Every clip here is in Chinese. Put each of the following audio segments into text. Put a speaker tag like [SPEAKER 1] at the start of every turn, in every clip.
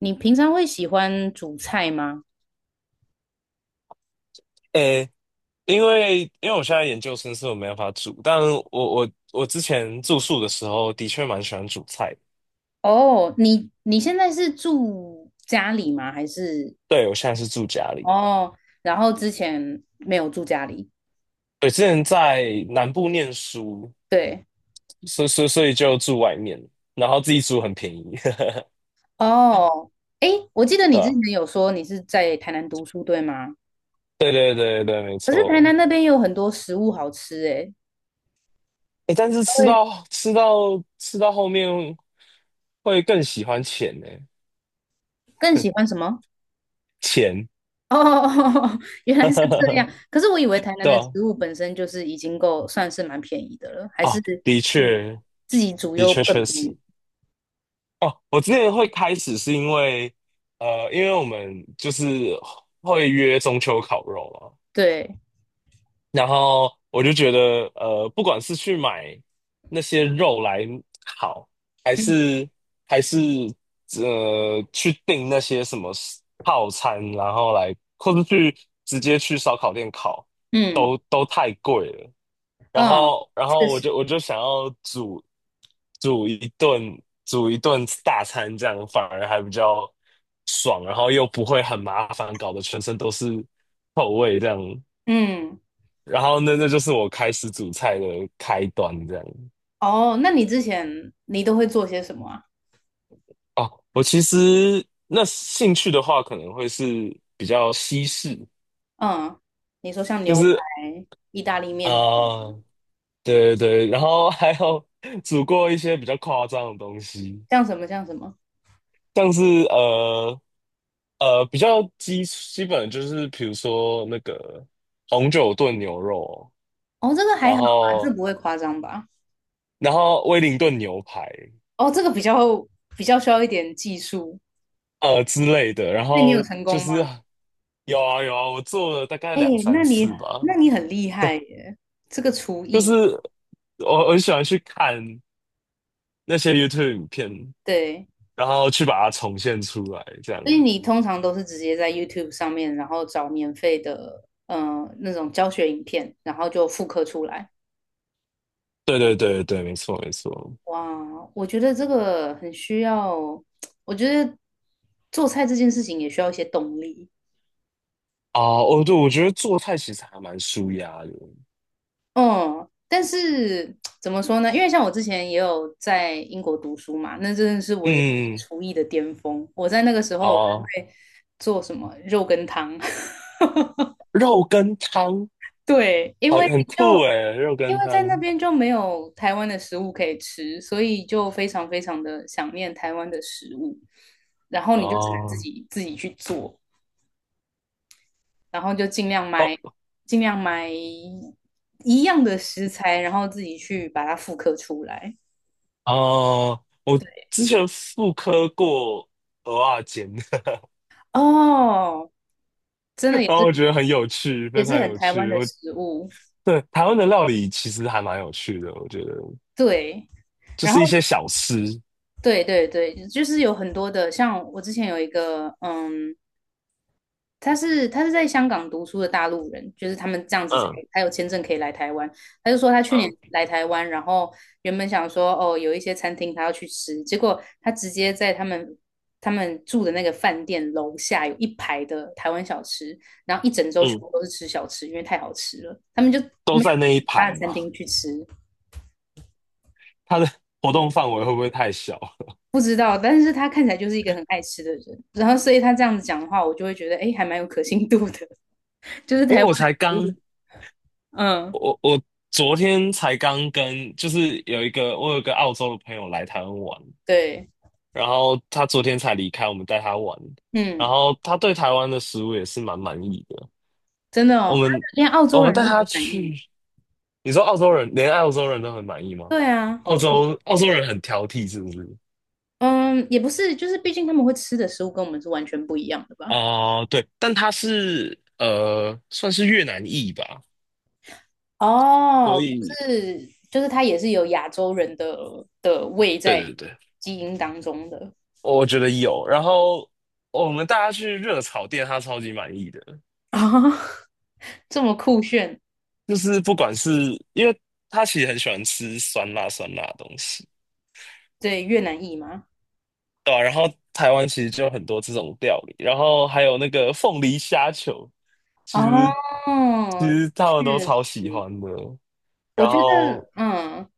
[SPEAKER 1] 你平常会喜欢煮菜吗？
[SPEAKER 2] 诶，因为我现在研究生，所以我没办法煮。但我之前住宿的时候，的确蛮喜欢煮菜的。
[SPEAKER 1] 哦，你现在是住家里吗？还是
[SPEAKER 2] 对，我现在是住家里。
[SPEAKER 1] 哦，然后之前没有住家里？
[SPEAKER 2] 对，之前在南部念书，
[SPEAKER 1] 对，
[SPEAKER 2] 所以就住外面，然后自己煮很便宜。
[SPEAKER 1] 哦，诶，我记得你
[SPEAKER 2] 对
[SPEAKER 1] 之前
[SPEAKER 2] 吧？
[SPEAKER 1] 有说你是在台南读书，对吗？
[SPEAKER 2] 对对对对，没
[SPEAKER 1] 可是台
[SPEAKER 2] 错。
[SPEAKER 1] 南那边有很多食物好吃，诶，
[SPEAKER 2] 诶，但是吃
[SPEAKER 1] 对，
[SPEAKER 2] 到吃到吃到后面会更喜欢钱呢，
[SPEAKER 1] 更喜欢什么？
[SPEAKER 2] 钱。
[SPEAKER 1] 哦，原来是这样。可是我以为台南
[SPEAKER 2] 对
[SPEAKER 1] 的
[SPEAKER 2] 吧？
[SPEAKER 1] 食物本身就是已经够算是蛮便宜的了，还是
[SPEAKER 2] 哦，的
[SPEAKER 1] 嗯
[SPEAKER 2] 确，
[SPEAKER 1] 自己煮
[SPEAKER 2] 的
[SPEAKER 1] 又
[SPEAKER 2] 确
[SPEAKER 1] 更
[SPEAKER 2] 确
[SPEAKER 1] 便
[SPEAKER 2] 实。
[SPEAKER 1] 宜？
[SPEAKER 2] 哦，我之前会开始是因为，因为我们就是会约中秋烤肉嘛。
[SPEAKER 1] 对。
[SPEAKER 2] 然后我就觉得，不管是去买那些肉来烤，还
[SPEAKER 1] 嗯
[SPEAKER 2] 是还是去订那些什么套餐，然后来，或者去直接去烧烤店烤，
[SPEAKER 1] 嗯
[SPEAKER 2] 都太贵了。然
[SPEAKER 1] 嗯，
[SPEAKER 2] 后然后
[SPEAKER 1] 确
[SPEAKER 2] 我
[SPEAKER 1] 实，
[SPEAKER 2] 就我就想要煮一顿大餐，这样反而还比较爽，然后又不会很麻烦，搞得全身都是臭味这样。
[SPEAKER 1] 嗯，
[SPEAKER 2] 然后那就是我开始煮菜的开端，这样。
[SPEAKER 1] 哦，那你之前你都会做些什么啊？
[SPEAKER 2] 哦，我其实那兴趣的话，可能会是比较西式，
[SPEAKER 1] 嗯，你说像
[SPEAKER 2] 就
[SPEAKER 1] 牛排、
[SPEAKER 2] 是
[SPEAKER 1] 意大利
[SPEAKER 2] 啊、
[SPEAKER 1] 面，
[SPEAKER 2] 对对对，然后还有 煮过一些比较夸张的东西，
[SPEAKER 1] 像什么像什么？
[SPEAKER 2] 像是呃比较基本就是比如说那个红酒炖牛肉，
[SPEAKER 1] 哦，这个还
[SPEAKER 2] 然
[SPEAKER 1] 好吧，这
[SPEAKER 2] 后
[SPEAKER 1] 不会夸张吧？
[SPEAKER 2] 然后威灵顿牛排，
[SPEAKER 1] 哦，这个比较需要一点技术。
[SPEAKER 2] 之类的，然
[SPEAKER 1] 那你有
[SPEAKER 2] 后
[SPEAKER 1] 成
[SPEAKER 2] 就
[SPEAKER 1] 功吗？
[SPEAKER 2] 是有啊有啊，我做了大概
[SPEAKER 1] 哎，
[SPEAKER 2] 两三
[SPEAKER 1] 那你
[SPEAKER 2] 次吧。
[SPEAKER 1] 那你很厉害耶，这个厨
[SPEAKER 2] 就
[SPEAKER 1] 艺，
[SPEAKER 2] 是我很喜欢去看那些 YouTube 影片，
[SPEAKER 1] 对，
[SPEAKER 2] 然后去把它重现出来，这样。
[SPEAKER 1] 所以你通常都是直接在 YouTube 上面，然后找免费的，那种教学影片，然后就复刻出来。
[SPEAKER 2] 对对对对，没错没错。
[SPEAKER 1] 哇，我觉得这个很需要，我觉得做菜这件事情也需要一些动力。
[SPEAKER 2] 啊，哦，对，我觉得做菜其实还蛮舒压的。
[SPEAKER 1] 嗯，但是怎么说呢？因为像我之前也有在英国读书嘛，那真的是我人
[SPEAKER 2] 嗯，
[SPEAKER 1] 生厨艺的巅峰。我在那个时候我
[SPEAKER 2] 啊，
[SPEAKER 1] 还会做什么肉羹汤，
[SPEAKER 2] 肉跟汤。
[SPEAKER 1] 对，因
[SPEAKER 2] 好，
[SPEAKER 1] 为
[SPEAKER 2] 很酷
[SPEAKER 1] 就
[SPEAKER 2] 诶，肉羹
[SPEAKER 1] 在那
[SPEAKER 2] 汤。
[SPEAKER 1] 边就没有台湾的食物可以吃，所以就非常非常的想念台湾的食物，然后你就只能自
[SPEAKER 2] 哦
[SPEAKER 1] 己自己去做。然后就尽量买，
[SPEAKER 2] 哦
[SPEAKER 1] 尽量买一样的食材，然后自己去把它复刻出来。
[SPEAKER 2] 哦，我之前复刻过蚵仔煎。
[SPEAKER 1] 哦，真的
[SPEAKER 2] 然
[SPEAKER 1] 也
[SPEAKER 2] 后
[SPEAKER 1] 是
[SPEAKER 2] 我觉得很有趣，
[SPEAKER 1] 也
[SPEAKER 2] 非
[SPEAKER 1] 是
[SPEAKER 2] 常
[SPEAKER 1] 很
[SPEAKER 2] 有
[SPEAKER 1] 台湾
[SPEAKER 2] 趣。
[SPEAKER 1] 的
[SPEAKER 2] 我
[SPEAKER 1] 食物，
[SPEAKER 2] 对台湾的料理其实还蛮有趣的，我觉得
[SPEAKER 1] 对。
[SPEAKER 2] 就
[SPEAKER 1] 然
[SPEAKER 2] 是一
[SPEAKER 1] 后
[SPEAKER 2] 些小吃。
[SPEAKER 1] 对对对，就是有很多的，像我之前有一个嗯他是在香港读书的大陆人，就是他们这样子才
[SPEAKER 2] 嗯
[SPEAKER 1] 才有签证可以来台湾。他就说他去年
[SPEAKER 2] 嗯
[SPEAKER 1] 来台湾，然后原本想说哦，有一些餐厅他要去吃，结果他直接在他们住的那个饭店楼下有一排的台湾小吃，然后一整周全
[SPEAKER 2] 嗯，
[SPEAKER 1] 部都是吃小吃，因为太好吃了，他们就没
[SPEAKER 2] 都
[SPEAKER 1] 有
[SPEAKER 2] 在那一
[SPEAKER 1] 去其他
[SPEAKER 2] 排
[SPEAKER 1] 的餐
[SPEAKER 2] 嘛。
[SPEAKER 1] 厅去吃。
[SPEAKER 2] 它的 活动范围会不会太小？
[SPEAKER 1] 不知道，但是他看起来就是一个很爱吃的人，然后所以他这样子讲的话，我就会觉得哎，还蛮有可信度的，就是台
[SPEAKER 2] 诶，
[SPEAKER 1] 湾
[SPEAKER 2] 我才
[SPEAKER 1] 的食物
[SPEAKER 2] 刚，
[SPEAKER 1] 嗯，
[SPEAKER 2] 我我昨天才刚跟，就是有一个我有一个澳洲的朋友来台湾玩，
[SPEAKER 1] 对。
[SPEAKER 2] 然后他昨天才离开，我们带他玩，然
[SPEAKER 1] 嗯，
[SPEAKER 2] 后他对台湾的食物也是蛮满意的。
[SPEAKER 1] 真的
[SPEAKER 2] 我
[SPEAKER 1] 哦，
[SPEAKER 2] 们
[SPEAKER 1] 连澳
[SPEAKER 2] 我
[SPEAKER 1] 洲
[SPEAKER 2] 们
[SPEAKER 1] 人
[SPEAKER 2] 带
[SPEAKER 1] 都很
[SPEAKER 2] 他
[SPEAKER 1] 满意。
[SPEAKER 2] 去。你说澳洲人连澳洲人都很满意吗？
[SPEAKER 1] 对啊，好
[SPEAKER 2] 澳
[SPEAKER 1] 酷。
[SPEAKER 2] 洲澳洲人很挑剔是不是？
[SPEAKER 1] 嗯，也不是，就是毕竟他们会吃的食物跟我们是完全不一样的吧？
[SPEAKER 2] 哦、对，但他是算是越南裔吧，
[SPEAKER 1] 哦，
[SPEAKER 2] 所
[SPEAKER 1] 不
[SPEAKER 2] 以
[SPEAKER 1] 是，就是它也是有亚洲人的的胃
[SPEAKER 2] 对
[SPEAKER 1] 在
[SPEAKER 2] 对对，
[SPEAKER 1] 基因当中的
[SPEAKER 2] 我觉得有。然后我们带他去热炒店，他超级满意的。
[SPEAKER 1] 啊，这么酷炫。
[SPEAKER 2] 就是不管是，因为他其实很喜欢吃酸辣酸辣的东西。
[SPEAKER 1] 对，越南裔吗？
[SPEAKER 2] 对啊，然后台湾其实就有很多这种料理，然后还有那个凤梨虾球，其实其
[SPEAKER 1] 哦，
[SPEAKER 2] 实他们都
[SPEAKER 1] 确
[SPEAKER 2] 超喜欢
[SPEAKER 1] 实，
[SPEAKER 2] 的。
[SPEAKER 1] 我
[SPEAKER 2] 然
[SPEAKER 1] 觉
[SPEAKER 2] 后，
[SPEAKER 1] 得，嗯，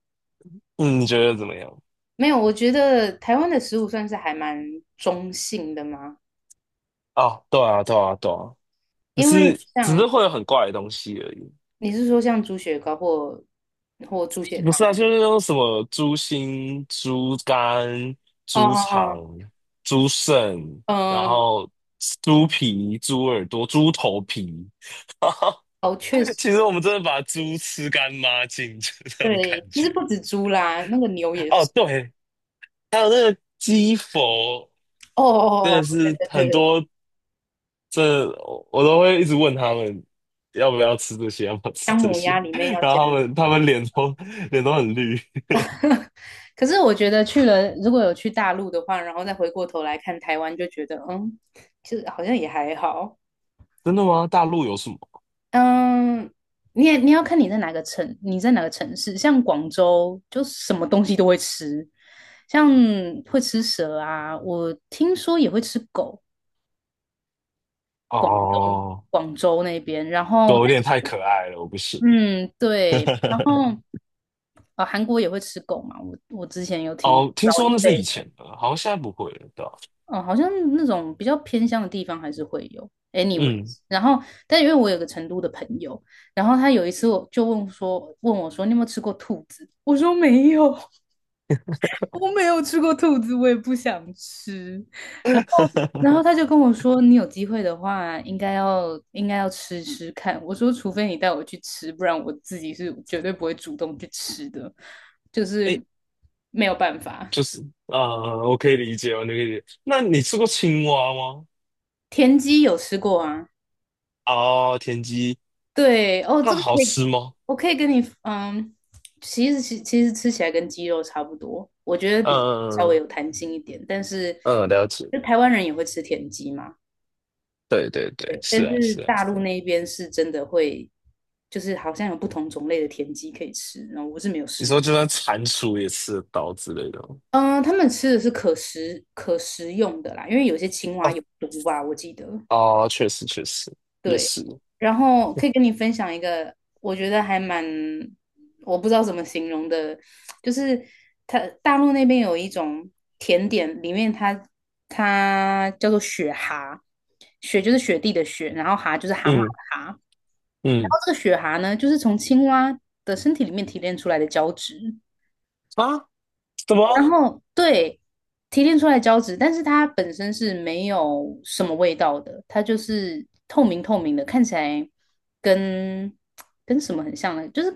[SPEAKER 2] 嗯，你觉得怎么样？
[SPEAKER 1] 没有，我觉得台湾的食物算是还蛮中性的嘛，
[SPEAKER 2] 啊，对啊，对啊，对啊，只
[SPEAKER 1] 因为
[SPEAKER 2] 是只
[SPEAKER 1] 像
[SPEAKER 2] 是会有很怪的东西而已。
[SPEAKER 1] 你是说像猪血糕或或猪血
[SPEAKER 2] 不
[SPEAKER 1] 汤
[SPEAKER 2] 是啊，
[SPEAKER 1] 吗？
[SPEAKER 2] 就是那种什么猪心、猪肝、
[SPEAKER 1] 哦
[SPEAKER 2] 猪肠、
[SPEAKER 1] 哦
[SPEAKER 2] 猪肾，然
[SPEAKER 1] 哦，嗯，
[SPEAKER 2] 后猪皮、猪耳朵、猪头皮。
[SPEAKER 1] 哦，确实，
[SPEAKER 2] 其实我们真的把猪吃干抹净，就这种感
[SPEAKER 1] 对，其实
[SPEAKER 2] 觉。
[SPEAKER 1] 不止猪啦，那个牛也
[SPEAKER 2] 哦，
[SPEAKER 1] 是。
[SPEAKER 2] 对，还有那个鸡佛，
[SPEAKER 1] 哦
[SPEAKER 2] 真
[SPEAKER 1] 哦哦，
[SPEAKER 2] 的
[SPEAKER 1] 哦对
[SPEAKER 2] 是
[SPEAKER 1] 对
[SPEAKER 2] 很
[SPEAKER 1] 对对，
[SPEAKER 2] 多，这我都会一直问他们要不要吃这些，要不要吃
[SPEAKER 1] 姜
[SPEAKER 2] 这
[SPEAKER 1] 母
[SPEAKER 2] 些。
[SPEAKER 1] 鸭里 面要
[SPEAKER 2] 然
[SPEAKER 1] 加。
[SPEAKER 2] 后他们脸都很绿。
[SPEAKER 1] 可是我觉得去了，如果有去大陆的话，然后再回过头来看台湾，就觉得嗯，其实好像也还好。
[SPEAKER 2] 真的吗？大陆有什么？
[SPEAKER 1] 嗯，你也你要看你在哪个城市，像广州就什么东西都会吃，像会吃蛇啊，我听说也会吃狗。广东
[SPEAKER 2] 哦，
[SPEAKER 1] 广州那边，然
[SPEAKER 2] 都
[SPEAKER 1] 后
[SPEAKER 2] 有点太可爱了，我不行。
[SPEAKER 1] 嗯对，然后 韩国也会吃狗嘛，我之前有听
[SPEAKER 2] 哦，听
[SPEAKER 1] 老一
[SPEAKER 2] 说那是
[SPEAKER 1] 辈
[SPEAKER 2] 以
[SPEAKER 1] 的，
[SPEAKER 2] 前的，好像现在不会了，对吧？
[SPEAKER 1] 嗯，好像那种比较偏乡的地方还是会有。
[SPEAKER 2] 嗯，
[SPEAKER 1] anyways，然后但因为我有个成都的朋友，然后他有一次我就问说问我说你有没有吃过兔子？我说没有，我没有吃过兔子，我也不想吃。然后，然后他就跟我说，你有机会的话，应该要吃吃看。我说，除非你带我去吃，不然我自己是绝对不会主动去吃的，就是
[SPEAKER 2] 哎，
[SPEAKER 1] 没有办法。
[SPEAKER 2] 就是啊、我可以理解，我可以理解。那你吃过青蛙吗？
[SPEAKER 1] 田鸡有吃过啊？
[SPEAKER 2] 哦，田鸡，
[SPEAKER 1] 对，哦，这
[SPEAKER 2] 那
[SPEAKER 1] 个
[SPEAKER 2] 好
[SPEAKER 1] 可以，
[SPEAKER 2] 吃吗？
[SPEAKER 1] 我可以跟你，嗯，其实吃起来跟鸡肉差不多，我觉得比稍微
[SPEAKER 2] 嗯
[SPEAKER 1] 有弹性一点，但是
[SPEAKER 2] 嗯，了解，
[SPEAKER 1] 就台湾人也会吃田鸡嘛。
[SPEAKER 2] 对对对，是
[SPEAKER 1] 但
[SPEAKER 2] 啊
[SPEAKER 1] 是
[SPEAKER 2] 是啊
[SPEAKER 1] 大
[SPEAKER 2] 是
[SPEAKER 1] 陆
[SPEAKER 2] 啊。
[SPEAKER 1] 那边是真的会，就是好像有不同种类的田鸡可以吃，然后我是没有
[SPEAKER 2] 你
[SPEAKER 1] 试
[SPEAKER 2] 说
[SPEAKER 1] 过。
[SPEAKER 2] 就算蟾蜍也吃刀之类的吗？
[SPEAKER 1] 嗯、他们吃的是可食用的啦，因为有些青蛙
[SPEAKER 2] 哦
[SPEAKER 1] 有毒吧，我记得。
[SPEAKER 2] 哦，确实确实也
[SPEAKER 1] 对，
[SPEAKER 2] 是。
[SPEAKER 1] 然后可以跟你分享一个，我觉得还蛮，我不知道怎么形容的，就是它大陆那边有一种甜点，里面它它叫做雪蛤，雪就是雪地的雪，然后蛤就是蛤蟆的
[SPEAKER 2] 嗯
[SPEAKER 1] 蛤，然
[SPEAKER 2] 嗯，
[SPEAKER 1] 后这个雪蛤呢，就是从青蛙的身体里面提炼出来的胶质。
[SPEAKER 2] 啊，什
[SPEAKER 1] 然
[SPEAKER 2] 么？
[SPEAKER 1] 后对，提炼出来胶质，但是它本身是没有什么味道的，它就是透明透明的，看起来跟跟什么很像呢？就是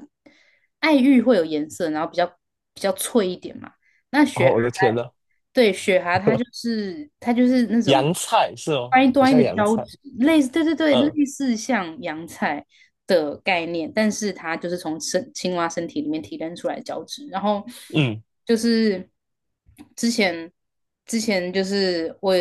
[SPEAKER 1] 爱玉会有颜色，然后比较脆一点嘛。那雪
[SPEAKER 2] 哦，
[SPEAKER 1] 蛤
[SPEAKER 2] 我的天
[SPEAKER 1] 它，
[SPEAKER 2] 呐。
[SPEAKER 1] 对，雪蛤它就是它就是那种
[SPEAKER 2] 洋菜是哦，
[SPEAKER 1] 端一
[SPEAKER 2] 很
[SPEAKER 1] 端一
[SPEAKER 2] 像
[SPEAKER 1] 的
[SPEAKER 2] 洋
[SPEAKER 1] 胶
[SPEAKER 2] 菜。
[SPEAKER 1] 质，类似，对对对，
[SPEAKER 2] 嗯
[SPEAKER 1] 类似像洋菜的概念，但是它就是从青蛙身体里面提炼出来的胶质。然后
[SPEAKER 2] 嗯
[SPEAKER 1] 就是之前之前就是我，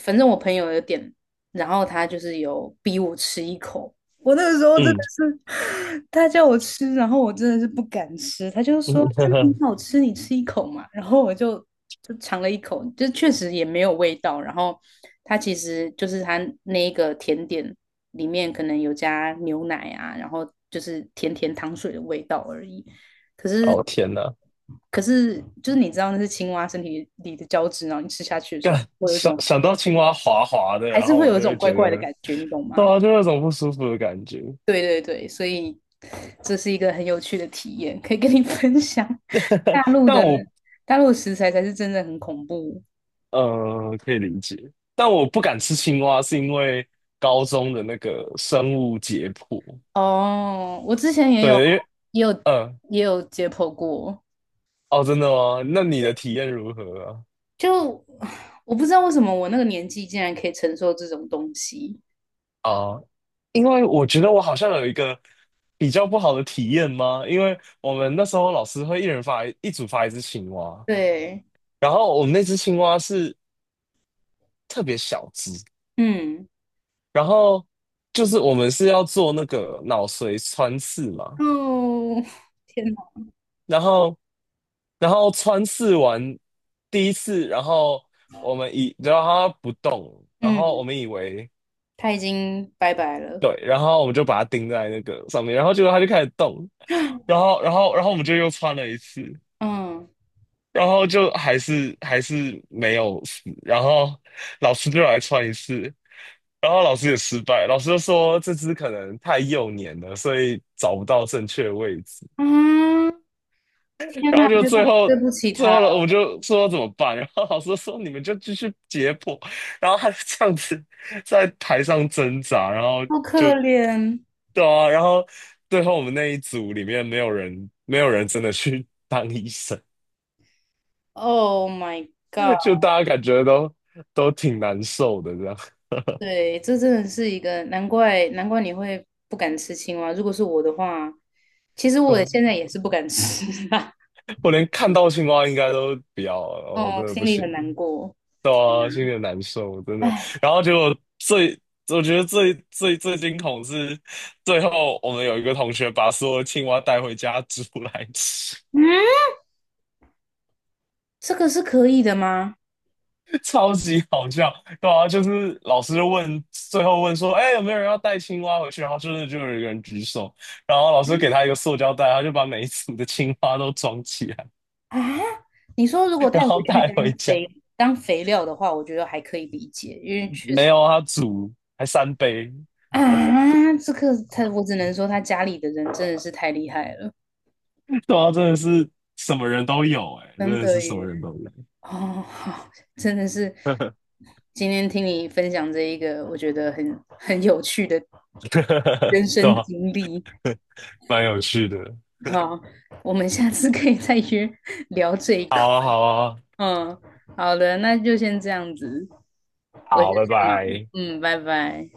[SPEAKER 1] 反正我朋友有点，然后他就是有逼我吃一口。我那个时候真
[SPEAKER 2] 嗯
[SPEAKER 1] 的是，他叫我吃，然后我真的是不敢吃。他就说
[SPEAKER 2] 嗯，呵
[SPEAKER 1] 真的
[SPEAKER 2] 呵。
[SPEAKER 1] 很好吃，你吃一口嘛。然后我就尝了一口，就确实也没有味道。然后它其实就是它那一个甜点里面可能有加牛奶啊，然后就是甜甜糖水的味道而已。可是
[SPEAKER 2] 哦，天呐，
[SPEAKER 1] 可是就是你知道那是青蛙身体里的胶质，然后你吃下去的时候，
[SPEAKER 2] 干，
[SPEAKER 1] 会有一
[SPEAKER 2] 想
[SPEAKER 1] 种
[SPEAKER 2] 想到青蛙滑滑的，
[SPEAKER 1] 还
[SPEAKER 2] 然
[SPEAKER 1] 是
[SPEAKER 2] 后
[SPEAKER 1] 会
[SPEAKER 2] 我
[SPEAKER 1] 有一
[SPEAKER 2] 就
[SPEAKER 1] 种
[SPEAKER 2] 会
[SPEAKER 1] 怪
[SPEAKER 2] 觉
[SPEAKER 1] 怪的
[SPEAKER 2] 得，
[SPEAKER 1] 感觉，你懂
[SPEAKER 2] 对
[SPEAKER 1] 吗？
[SPEAKER 2] 啊，就有种不舒服的感觉。
[SPEAKER 1] 对对对，所以这是一个很有趣的体验，可以跟你 分享。大 陆
[SPEAKER 2] 但
[SPEAKER 1] 的
[SPEAKER 2] 我
[SPEAKER 1] 大陆的食材才是真的很恐怖
[SPEAKER 2] 可以理解，但我不敢吃青蛙，是因为高中的那个生物解剖。
[SPEAKER 1] 哦。我之前
[SPEAKER 2] 对，因为
[SPEAKER 1] 也有
[SPEAKER 2] 嗯，
[SPEAKER 1] 也有解剖过，
[SPEAKER 2] 哦，真的吗？那你的
[SPEAKER 1] 对，
[SPEAKER 2] 体验如何
[SPEAKER 1] 就 我不知道为什么我那个年纪竟然可以承受这种东西。
[SPEAKER 2] 啊？啊，因为我觉得我好像有一个比较不好的体验吗？因为我们那时候老师会一人发一组发一只青蛙，
[SPEAKER 1] 对，
[SPEAKER 2] 然后我们那只青蛙是特别小只。
[SPEAKER 1] 嗯，
[SPEAKER 2] 然后就是我们是要做那个脑髓穿刺嘛。
[SPEAKER 1] 哦，天哪，
[SPEAKER 2] 然后然后穿刺完第一次，然后我们以然后它不动，然后我
[SPEAKER 1] 嗯，
[SPEAKER 2] 们以为，
[SPEAKER 1] 他已经拜拜了，
[SPEAKER 2] 对，然后我们就把它钉在那个上面，然后结果它就开始动。然后我们就又穿了一次，
[SPEAKER 1] 嗯
[SPEAKER 2] 然后就还是没有死，然后老师就来穿一次。然后老师也失败，老师就说这只可能太幼年了，所以找不到正确位置。
[SPEAKER 1] 啊，天
[SPEAKER 2] 然
[SPEAKER 1] 哪，
[SPEAKER 2] 后就
[SPEAKER 1] 觉得
[SPEAKER 2] 最
[SPEAKER 1] 好对
[SPEAKER 2] 后
[SPEAKER 1] 不起
[SPEAKER 2] 最
[SPEAKER 1] 他，
[SPEAKER 2] 后了，我们就说怎么办？然后老师说你们就继续解剖，然后他就这样子在台上挣扎，然后
[SPEAKER 1] 好可
[SPEAKER 2] 就，
[SPEAKER 1] 怜。
[SPEAKER 2] 对啊。然后最后我们那一组里面没有人真的去 当医生，
[SPEAKER 1] Oh my god！
[SPEAKER 2] 就大家感觉都挺难受的这样。
[SPEAKER 1] 对，这真的是一个难怪，难怪你会不敢吃青蛙。如果是我的话，其实 我
[SPEAKER 2] 嗯，
[SPEAKER 1] 现在也是不敢吃啊。
[SPEAKER 2] 我连看到青蛙应该都不要 了，我真
[SPEAKER 1] 哦，
[SPEAKER 2] 的
[SPEAKER 1] 心
[SPEAKER 2] 不
[SPEAKER 1] 里
[SPEAKER 2] 行。
[SPEAKER 1] 很难过。
[SPEAKER 2] 对
[SPEAKER 1] 天
[SPEAKER 2] 啊，心里很难受，真的。然
[SPEAKER 1] 哎，
[SPEAKER 2] 后结果，我觉得最惊恐是，最后我们有一个同学把所有的青蛙带回家煮来吃。
[SPEAKER 1] 嗯，这个是可以的吗？
[SPEAKER 2] 超级好笑。对啊，就是老师就问，最后问说，哎，有没有人要带青蛙回去？然后真的就有一个人举手，然后老师给他一个塑胶袋，他就把每一组的青蛙都装起来，
[SPEAKER 1] 啊，你说如果带
[SPEAKER 2] 然
[SPEAKER 1] 回
[SPEAKER 2] 后
[SPEAKER 1] 去
[SPEAKER 2] 带回家。
[SPEAKER 1] 当肥料的话，我觉得还可以理解，因为确
[SPEAKER 2] 没
[SPEAKER 1] 实
[SPEAKER 2] 有，他煮还三杯。
[SPEAKER 1] 啊，这个他我只能说他家里的人真的是太厉害了，
[SPEAKER 2] 对啊，真的是什么人都有、哎，真
[SPEAKER 1] 真
[SPEAKER 2] 的是
[SPEAKER 1] 的
[SPEAKER 2] 什么
[SPEAKER 1] 耶。
[SPEAKER 2] 人都有。
[SPEAKER 1] 哦，好，真的是 今天听你分享这一个，我觉得很有趣的 人
[SPEAKER 2] 对
[SPEAKER 1] 生
[SPEAKER 2] 啊，
[SPEAKER 1] 经历。
[SPEAKER 2] 蛮有趣的。
[SPEAKER 1] 好，我们下次可以再约聊这一块。
[SPEAKER 2] 好啊，好啊，
[SPEAKER 1] 嗯，好的，那就先这样子，我先
[SPEAKER 2] 好，拜
[SPEAKER 1] 去忙。
[SPEAKER 2] 拜。
[SPEAKER 1] 嗯，拜拜。